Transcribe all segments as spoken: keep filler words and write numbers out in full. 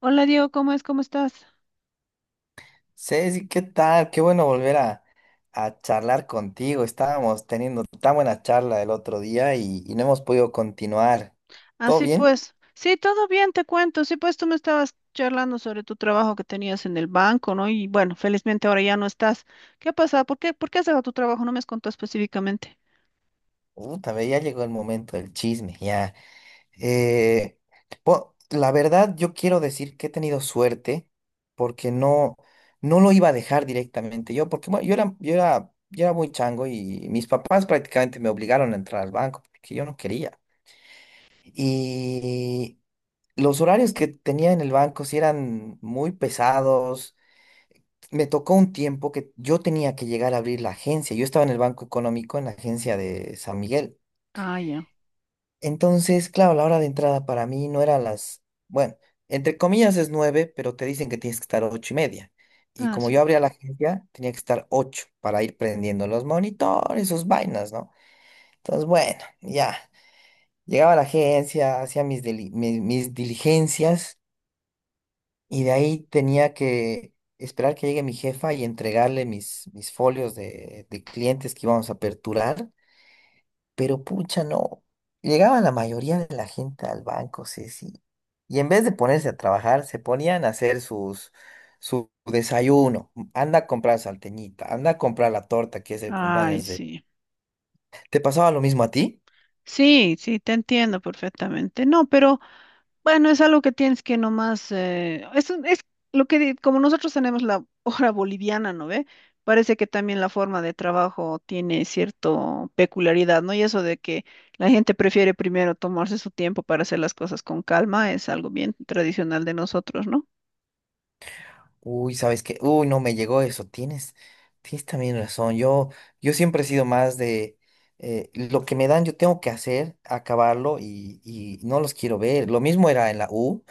Hola Diego, ¿cómo es? ¿Cómo estás? Ceci, ¿qué tal? Qué bueno volver a, a charlar contigo. Estábamos teniendo tan buena charla el otro día y, y no hemos podido continuar. ¿Todo Así bien? pues, sí, todo bien, te cuento. Sí, pues tú me estabas charlando sobre tu trabajo que tenías en el banco, ¿no? Y bueno, felizmente ahora ya no estás. ¿Qué ha pasado? ¿Por qué, por qué has dejado tu trabajo? No me has contado específicamente. Puta, ve, ya llegó el momento del chisme, ya. Eh, po- la verdad, yo quiero decir que he tenido suerte porque no, no lo iba a dejar directamente yo, porque bueno, yo era, yo era, yo era muy chango y mis papás prácticamente me obligaron a entrar al banco porque yo no quería. Los horarios que tenía en el banco sí eran muy pesados. Me tocó un tiempo que yo tenía que llegar a abrir la agencia. Yo estaba en el Banco Económico, en la agencia de San Miguel. Ah, ya. Entonces, claro, la hora de entrada para mí no era las, bueno, entre comillas es nueve, pero te dicen que tienes que estar ocho y media. Y Ah, como yo sí. abría la agencia, tenía que estar ocho para ir prendiendo los monitores, sus vainas, ¿no? Entonces, bueno, ya. Llegaba a la agencia, hacía mis, deli- mis mis diligencias. Y de ahí tenía que esperar que llegue mi jefa y entregarle mis, mis folios de, de clientes que íbamos a aperturar. Pero pucha, no. Llegaba la mayoría de la gente al banco, Ceci. Y en vez de ponerse a trabajar, se ponían a hacer sus, su desayuno. Anda a comprar salteñita, anda a comprar la torta que es el Ay, cumpleaños de... sí. ¿Te pasaba lo mismo a ti? Sí, sí, te entiendo perfectamente. No, pero bueno, es algo que tienes que nomás, eh, es, un- es lo que, di- como nosotros tenemos la hora boliviana, ¿no ve? Parece que también la forma de trabajo tiene cierta peculiaridad, ¿no? Y eso de que la gente prefiere primero tomarse su tiempo para hacer las cosas con calma es algo bien tradicional de nosotros, ¿no? Uy, ¿sabes qué? Uy, no me llegó eso. Tienes, tienes también razón. Yo, yo siempre he sido más de eh, lo que me dan, yo tengo que hacer, acabarlo y, y no los quiero ver. Lo mismo era en la U.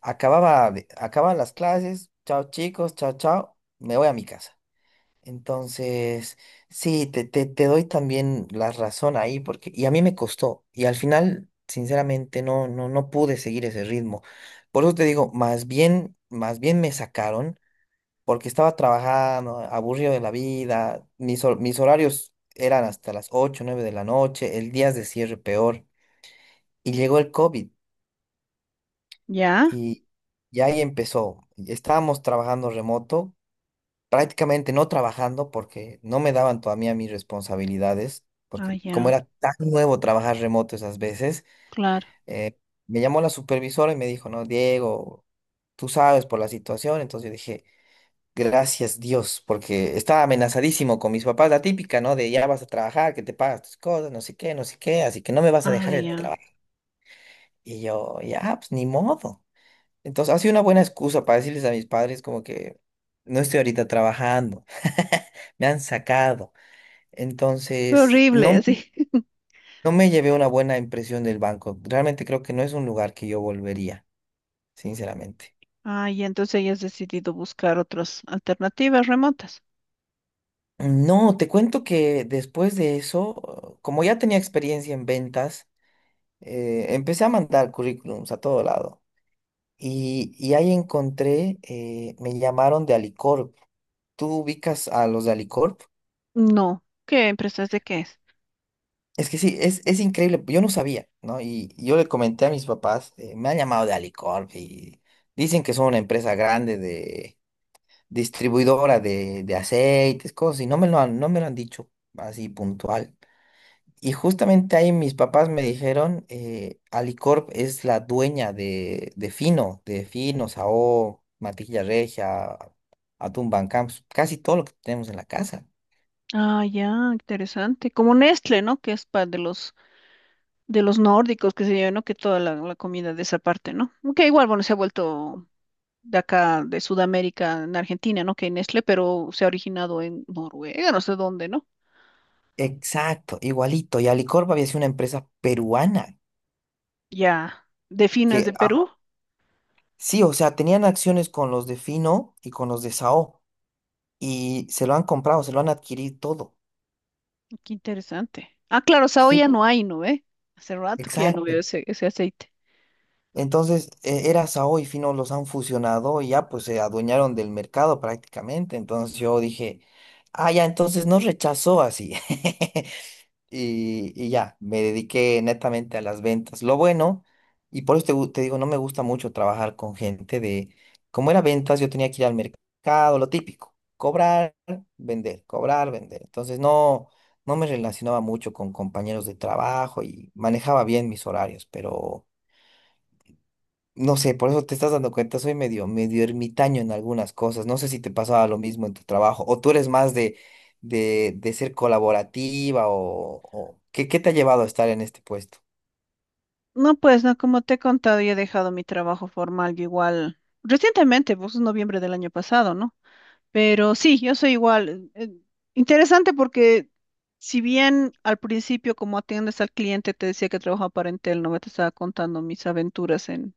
Acababa, de- acababan las clases. Chao, chicos. Chao, chao. Me voy a mi casa. Entonces, sí, te, te, te doy también la razón ahí porque, y a mí me costó. Y al final, sinceramente, no, no, no pude seguir ese ritmo. Por eso te digo, más bien, más bien me sacaron porque estaba trabajando, aburrido de la vida, mis, hor- mis horarios eran hasta las ocho nueve de la noche, el día de cierre peor, y llegó el COVID ¿Ya? y, y ahí empezó. Estábamos trabajando remoto, prácticamente no trabajando porque no me daban todavía mis responsabilidades, Ah, porque como ya, era tan nuevo trabajar remoto esas veces, claro. eh, me llamó la supervisora y me dijo, no, Diego, tú sabes por la situación, entonces yo dije... Gracias Dios, porque estaba amenazadísimo con mis papás, la típica, ¿no? De ya vas a trabajar, que te pagas tus cosas, no sé qué, no sé qué, así que no me vas a Ah, dejar el ya. trabajo. Y yo, ya, pues ni modo. Entonces, ha sido una buena excusa para decirles a mis padres como que no estoy ahorita trabajando, me han sacado. Fue Entonces, horrible, no, así. no me llevé una buena impresión del banco. Realmente creo que no es un lugar que yo volvería, sinceramente. Ah, ya, entonces ella has decidido buscar otras alternativas remotas. No, te cuento que después de eso, como ya tenía experiencia en ventas, eh, empecé a mandar currículums a todo lado y, y ahí encontré, eh, me llamaron de Alicorp. ¿Tú ubicas a los de Alicorp? No. ¿Qué empresa es de qué es? Es que sí, es, es increíble, yo no sabía, ¿no? Y y yo le comenté a mis papás, eh, me han llamado de Alicorp y dicen que son una empresa grande de distribuidora de, de aceites, cosas, y no me lo han, no me lo han dicho así puntual. Y justamente ahí mis papás me dijeron, eh, Alicorp es la dueña de, de Fino, de Fino, Sao, Matilla Regia, Atún Bancamps, casi todo lo que tenemos en la casa. Ah, ya, interesante. Como Nestlé, ¿no? Que es para de los de los nórdicos, que se llevan, ¿no? Que toda la, la comida de esa parte, ¿no? Que igual, bueno, se ha vuelto de acá, de Sudamérica, en Argentina, ¿no? Que hay Nestlé, pero se ha originado en Noruega, no sé dónde, ¿no? Exacto, igualito. Y Alicorp había sido una empresa peruana Ya, de Fino es de que, ah, Perú. sí, o sea, tenían acciones con los de Fino y con los de Sao y se lo han comprado, se lo han adquirido todo. Qué interesante. Ah, claro, Sao ya Sí, no hay, ¿no? ¿Eh? Hace rato que ya no veo exacto. ese, ese aceite. Entonces, eh, era Sao y Fino los han fusionado y ya pues se adueñaron del mercado prácticamente. Entonces yo dije, ah, ya, entonces no rechazó así. Y, y ya, me dediqué netamente a las ventas. Lo bueno, y por eso te, gu- te digo, no me gusta mucho trabajar con gente de, como era ventas, yo tenía que ir al mercado, lo típico, cobrar, vender, cobrar, vender. Entonces no, no me relacionaba mucho con compañeros de trabajo y manejaba bien mis horarios, pero... No sé, por eso te estás dando cuenta, soy medio, medio ermitaño en algunas cosas. No sé si te pasaba lo mismo en tu trabajo, o tú eres más de, de, de ser colaborativa, o, o- ¿qué, qué te ha llevado a estar en este puesto? No, pues, no, como te he contado, yo he dejado mi trabajo formal, yo igual, recientemente, pues, en noviembre del año pasado, ¿no? Pero sí, yo soy igual. eh, eh, Interesante porque si bien al principio como atiendes al cliente te decía que trabajaba para Entel, no me te estaba contando mis aventuras en,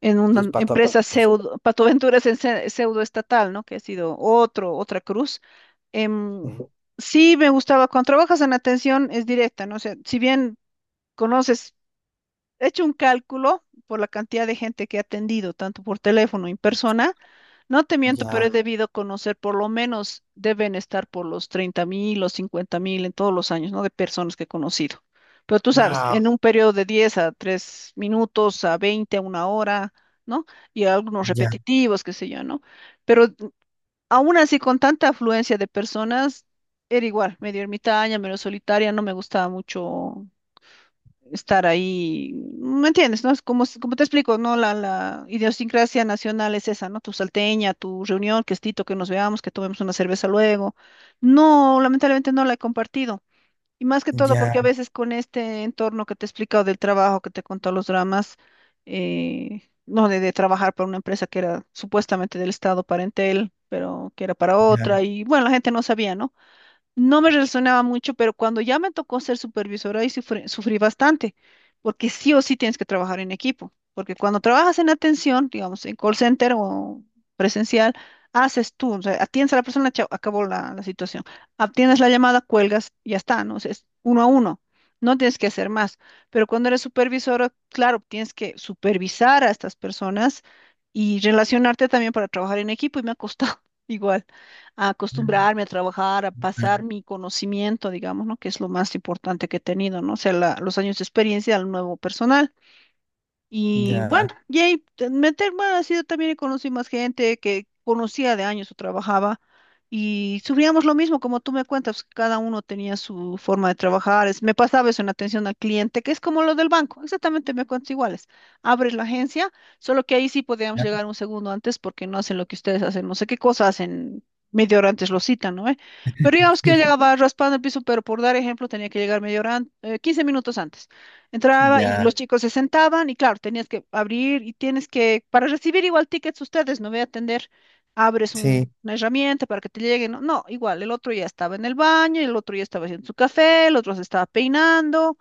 en Tus una patos. empresa pseudo, patoaventuras en se- pseudo estatal, ¿no? Que ha sido otro, otra cruz. Em, sí, me gustaba. Cuando trabajas en atención es directa, ¿no? O sea, si bien conoces, he hecho un cálculo por la cantidad de gente que he atendido, tanto por teléfono y en persona. No te miento, pero he Ya, debido conocer, por lo menos deben estar por los treinta mil o cincuenta mil en todos los años, ¿no? De personas que he conocido. Pero tú guau, sabes, guau, wow, en un periodo de diez a tres minutos, a veinte, a una hora, ¿no? Y algunos ya, repetitivos, qué sé yo, ¿no? Pero aún así, con tanta afluencia de personas, era igual, medio ermitaña, medio solitaria, no me gustaba mucho estar ahí, ¿me entiendes? ¿No? Es como, s- como te explico, ¿no? La, la idiosincrasia nacional es esa, ¿no? Tu salteña, tu reunión, que estito, que nos veamos, que tomemos una cerveza luego. No, lamentablemente no la he compartido. Y más que todo ya, porque a veces con este entorno que te he explicado del trabajo, que te he contado los dramas, eh, no, de, de trabajar para una empresa que era supuestamente del Estado parentel, pero que era para ya, otra, y bueno, la gente no sabía, ¿no? No me relacionaba mucho, pero cuando ya me tocó ser supervisora, ahí sufrí, sufrí bastante, porque sí o sí tienes que trabajar en equipo, porque cuando trabajas en atención, digamos, en call center o presencial, haces tú, o sea, atiendes a la persona, chao, acabó la, la situación, atiendes la llamada, cuelgas, ya está, ¿no? O sea, es uno a uno. No tienes que hacer más, pero cuando eres supervisora, claro, tienes que supervisar a estas personas y relacionarte también para trabajar en equipo y me ha costado igual a acostumbrarme a trabajar, a ya, pasar mi conocimiento, digamos, ¿no? Que es lo más importante que he tenido, ¿no? O sea, la- los años de experiencia al nuevo personal. Y bueno, ya, y ahí te- meterme ha sido también y conocí más gente que conocía de años o trabajaba y sufríamos lo mismo, como tú me cuentas, cada uno tenía su forma de trabajar. Es, me pasaba eso en atención al cliente, que es como lo del banco, exactamente me cuentas iguales. Abres la agencia, solo que ahí sí podíamos llegar un segundo antes porque no hacen lo que ustedes hacen, no sé qué cosa hacen. Media hora antes lo citan, ¿no? ¿Eh? Pero digamos que yo llegaba raspando el piso, pero por dar ejemplo tenía que llegar media hora, an- eh, quince minutos antes. Entraba y ya, los chicos se sentaban y claro, tenías que abrir y tienes que, para recibir igual tickets ustedes, no voy a atender, abres un- sí, una herramienta para que te lleguen. No, no, igual, el otro ya estaba en el baño, el otro ya estaba haciendo su café, el otro se estaba peinando,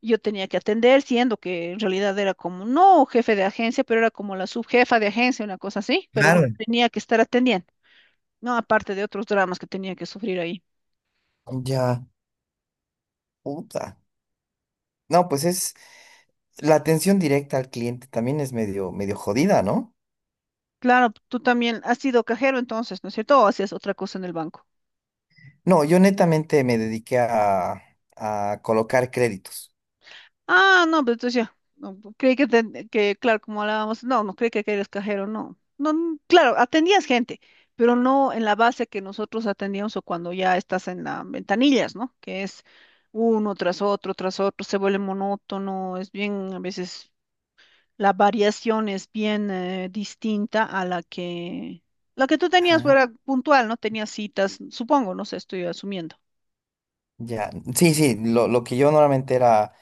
yo tenía que atender, siendo que en realidad era como, no jefe de agencia, pero era como la subjefa de agencia, una cosa así, pero no claro, tenía que estar atendiendo, no, aparte de otros dramas que tenía que sufrir ahí. ya, puta. No, pues es la atención directa al cliente también es medio, medio jodida, ¿no? Claro, tú también has sido cajero entonces, ¿no es cierto? ¿O hacías otra cosa en el banco? No, yo netamente me dediqué a, a colocar créditos. Ah, no, pues entonces ya. No, pu- creí que, ten- que, claro, como hablábamos, no, no creí que, que eres cajero, no. No, n- claro, atendías gente, pero no en la base que nosotros atendíamos o cuando ya estás en las ventanillas, ¿no? Que es uno tras otro, tras otro, se vuelve monótono, es bien, a veces la variación es bien eh, distinta a la que, la que tú tenías Ah, fuera puntual, ¿no? Tenías citas, supongo, no sé, estoy asumiendo. ya. Sí, sí, lo, lo que yo normalmente era,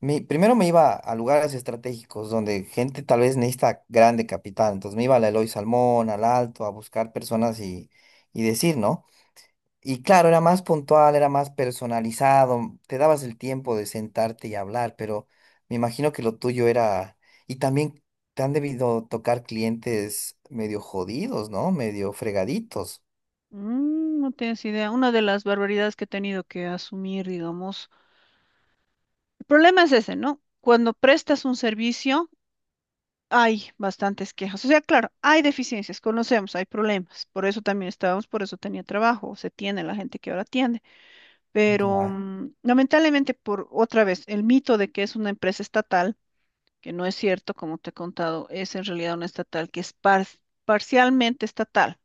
mi- primero me iba a lugares estratégicos donde gente tal vez necesita grande capital. Entonces me iba a Eloy Salmón, al Alto, a buscar personas y, y decir, ¿no? Y claro, era más puntual, era más personalizado, te dabas el tiempo de sentarte y hablar, pero me imagino que lo tuyo era... Y también te han debido tocar clientes medio jodidos, ¿no? Medio fregaditos. Mm, no tienes idea. Una de las barbaridades que he tenido que asumir, digamos, el problema es ese, ¿no? Cuando prestas un servicio, hay bastantes quejas. O sea, claro, hay deficiencias, conocemos, hay problemas. Por eso también estábamos, por eso tenía trabajo, se tiene la gente que ahora tiene. Pero Ya, mm, lamentablemente, por otra vez, el mito de que es una empresa estatal, que no es cierto, como te he contado, es en realidad una estatal que es par- parcialmente estatal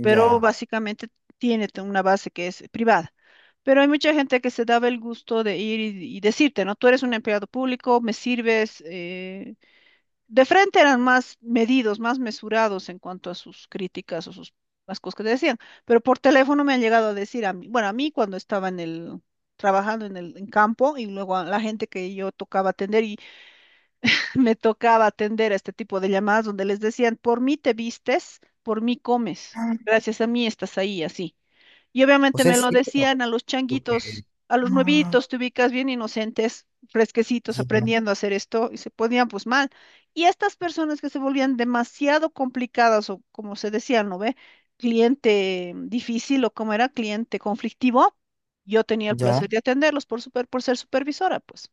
pero básicamente tiene t- una base que es privada. Pero hay mucha gente que se daba el gusto de ir y, y decirte, ¿no? Tú eres un empleado público, me sirves. eh, De frente eran más medidos, más mesurados en cuanto a sus críticas o sus, las cosas que te decían. Pero por teléfono me han llegado a decir a mí, bueno, a mí cuando estaba en el, trabajando en el en campo y luego a la gente que yo tocaba atender me tocaba atender a este tipo de llamadas donde les decían, por mí te vistes, por mí comes, Ah. gracias a mí estás ahí, así. Y O obviamente sea, me es lo cierto, decían a los porque... changuitos, a los Ah, nuevitos, te ubicas bien inocentes, fresquecitos, ya, aprendiendo a hacer esto, y se ponían pues mal. Y estas personas que se volvían demasiado complicadas, o como se decía, ¿no ve? Cliente difícil, o como era, cliente conflictivo, yo tenía el ya. placer de atenderlos por, super, por ser supervisora, pues.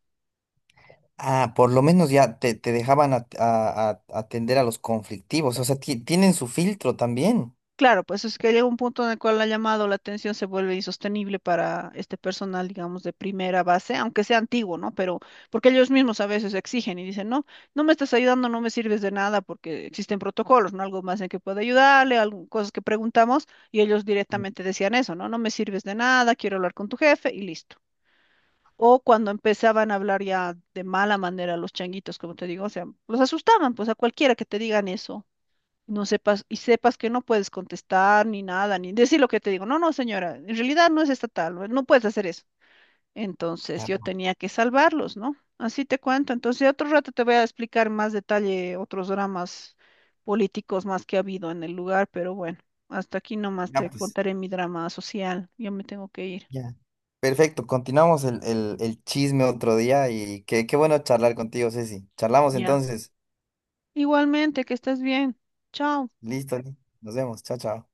Ah, por lo menos ya te, te dejaban at- a- a- atender a los conflictivos, o sea, ti- tienen su filtro también. Claro, pues es que llega un punto en el cual la llamada o la atención se vuelve insostenible para este personal, digamos, de primera base, aunque sea antiguo, ¿no? Pero porque ellos mismos a veces exigen y dicen, no, no me estás ayudando, no me sirves de nada porque existen protocolos, ¿no? Algo más en que pueda ayudarle, algo- cosas que preguntamos y ellos directamente decían eso, ¿no? No me sirves de nada, quiero hablar con tu jefe y listo. O cuando empezaban a hablar ya de mala manera los changuitos, como te digo, o sea, los asustaban, pues a cualquiera que te digan eso no sepas, y sepas que no puedes contestar ni nada, ni decir lo que te digo. No, no, señora, en realidad no es estatal, no, no puedes hacer eso. Entonces yo Ya, tenía que salvarlos, ¿no? Así te cuento. Entonces otro rato te voy a explicar más detalle otros dramas políticos más que ha habido en el lugar, pero bueno, hasta aquí nomás ya, te pues. contaré mi drama social. Yo me tengo que ir. Ya. Perfecto, continuamos el, el- el chisme otro día y qué, qué bueno charlar contigo, Ceci. Charlamos Ya. entonces. Igualmente, que estés bien. Chao. Listo, nos vemos. Chao, chao.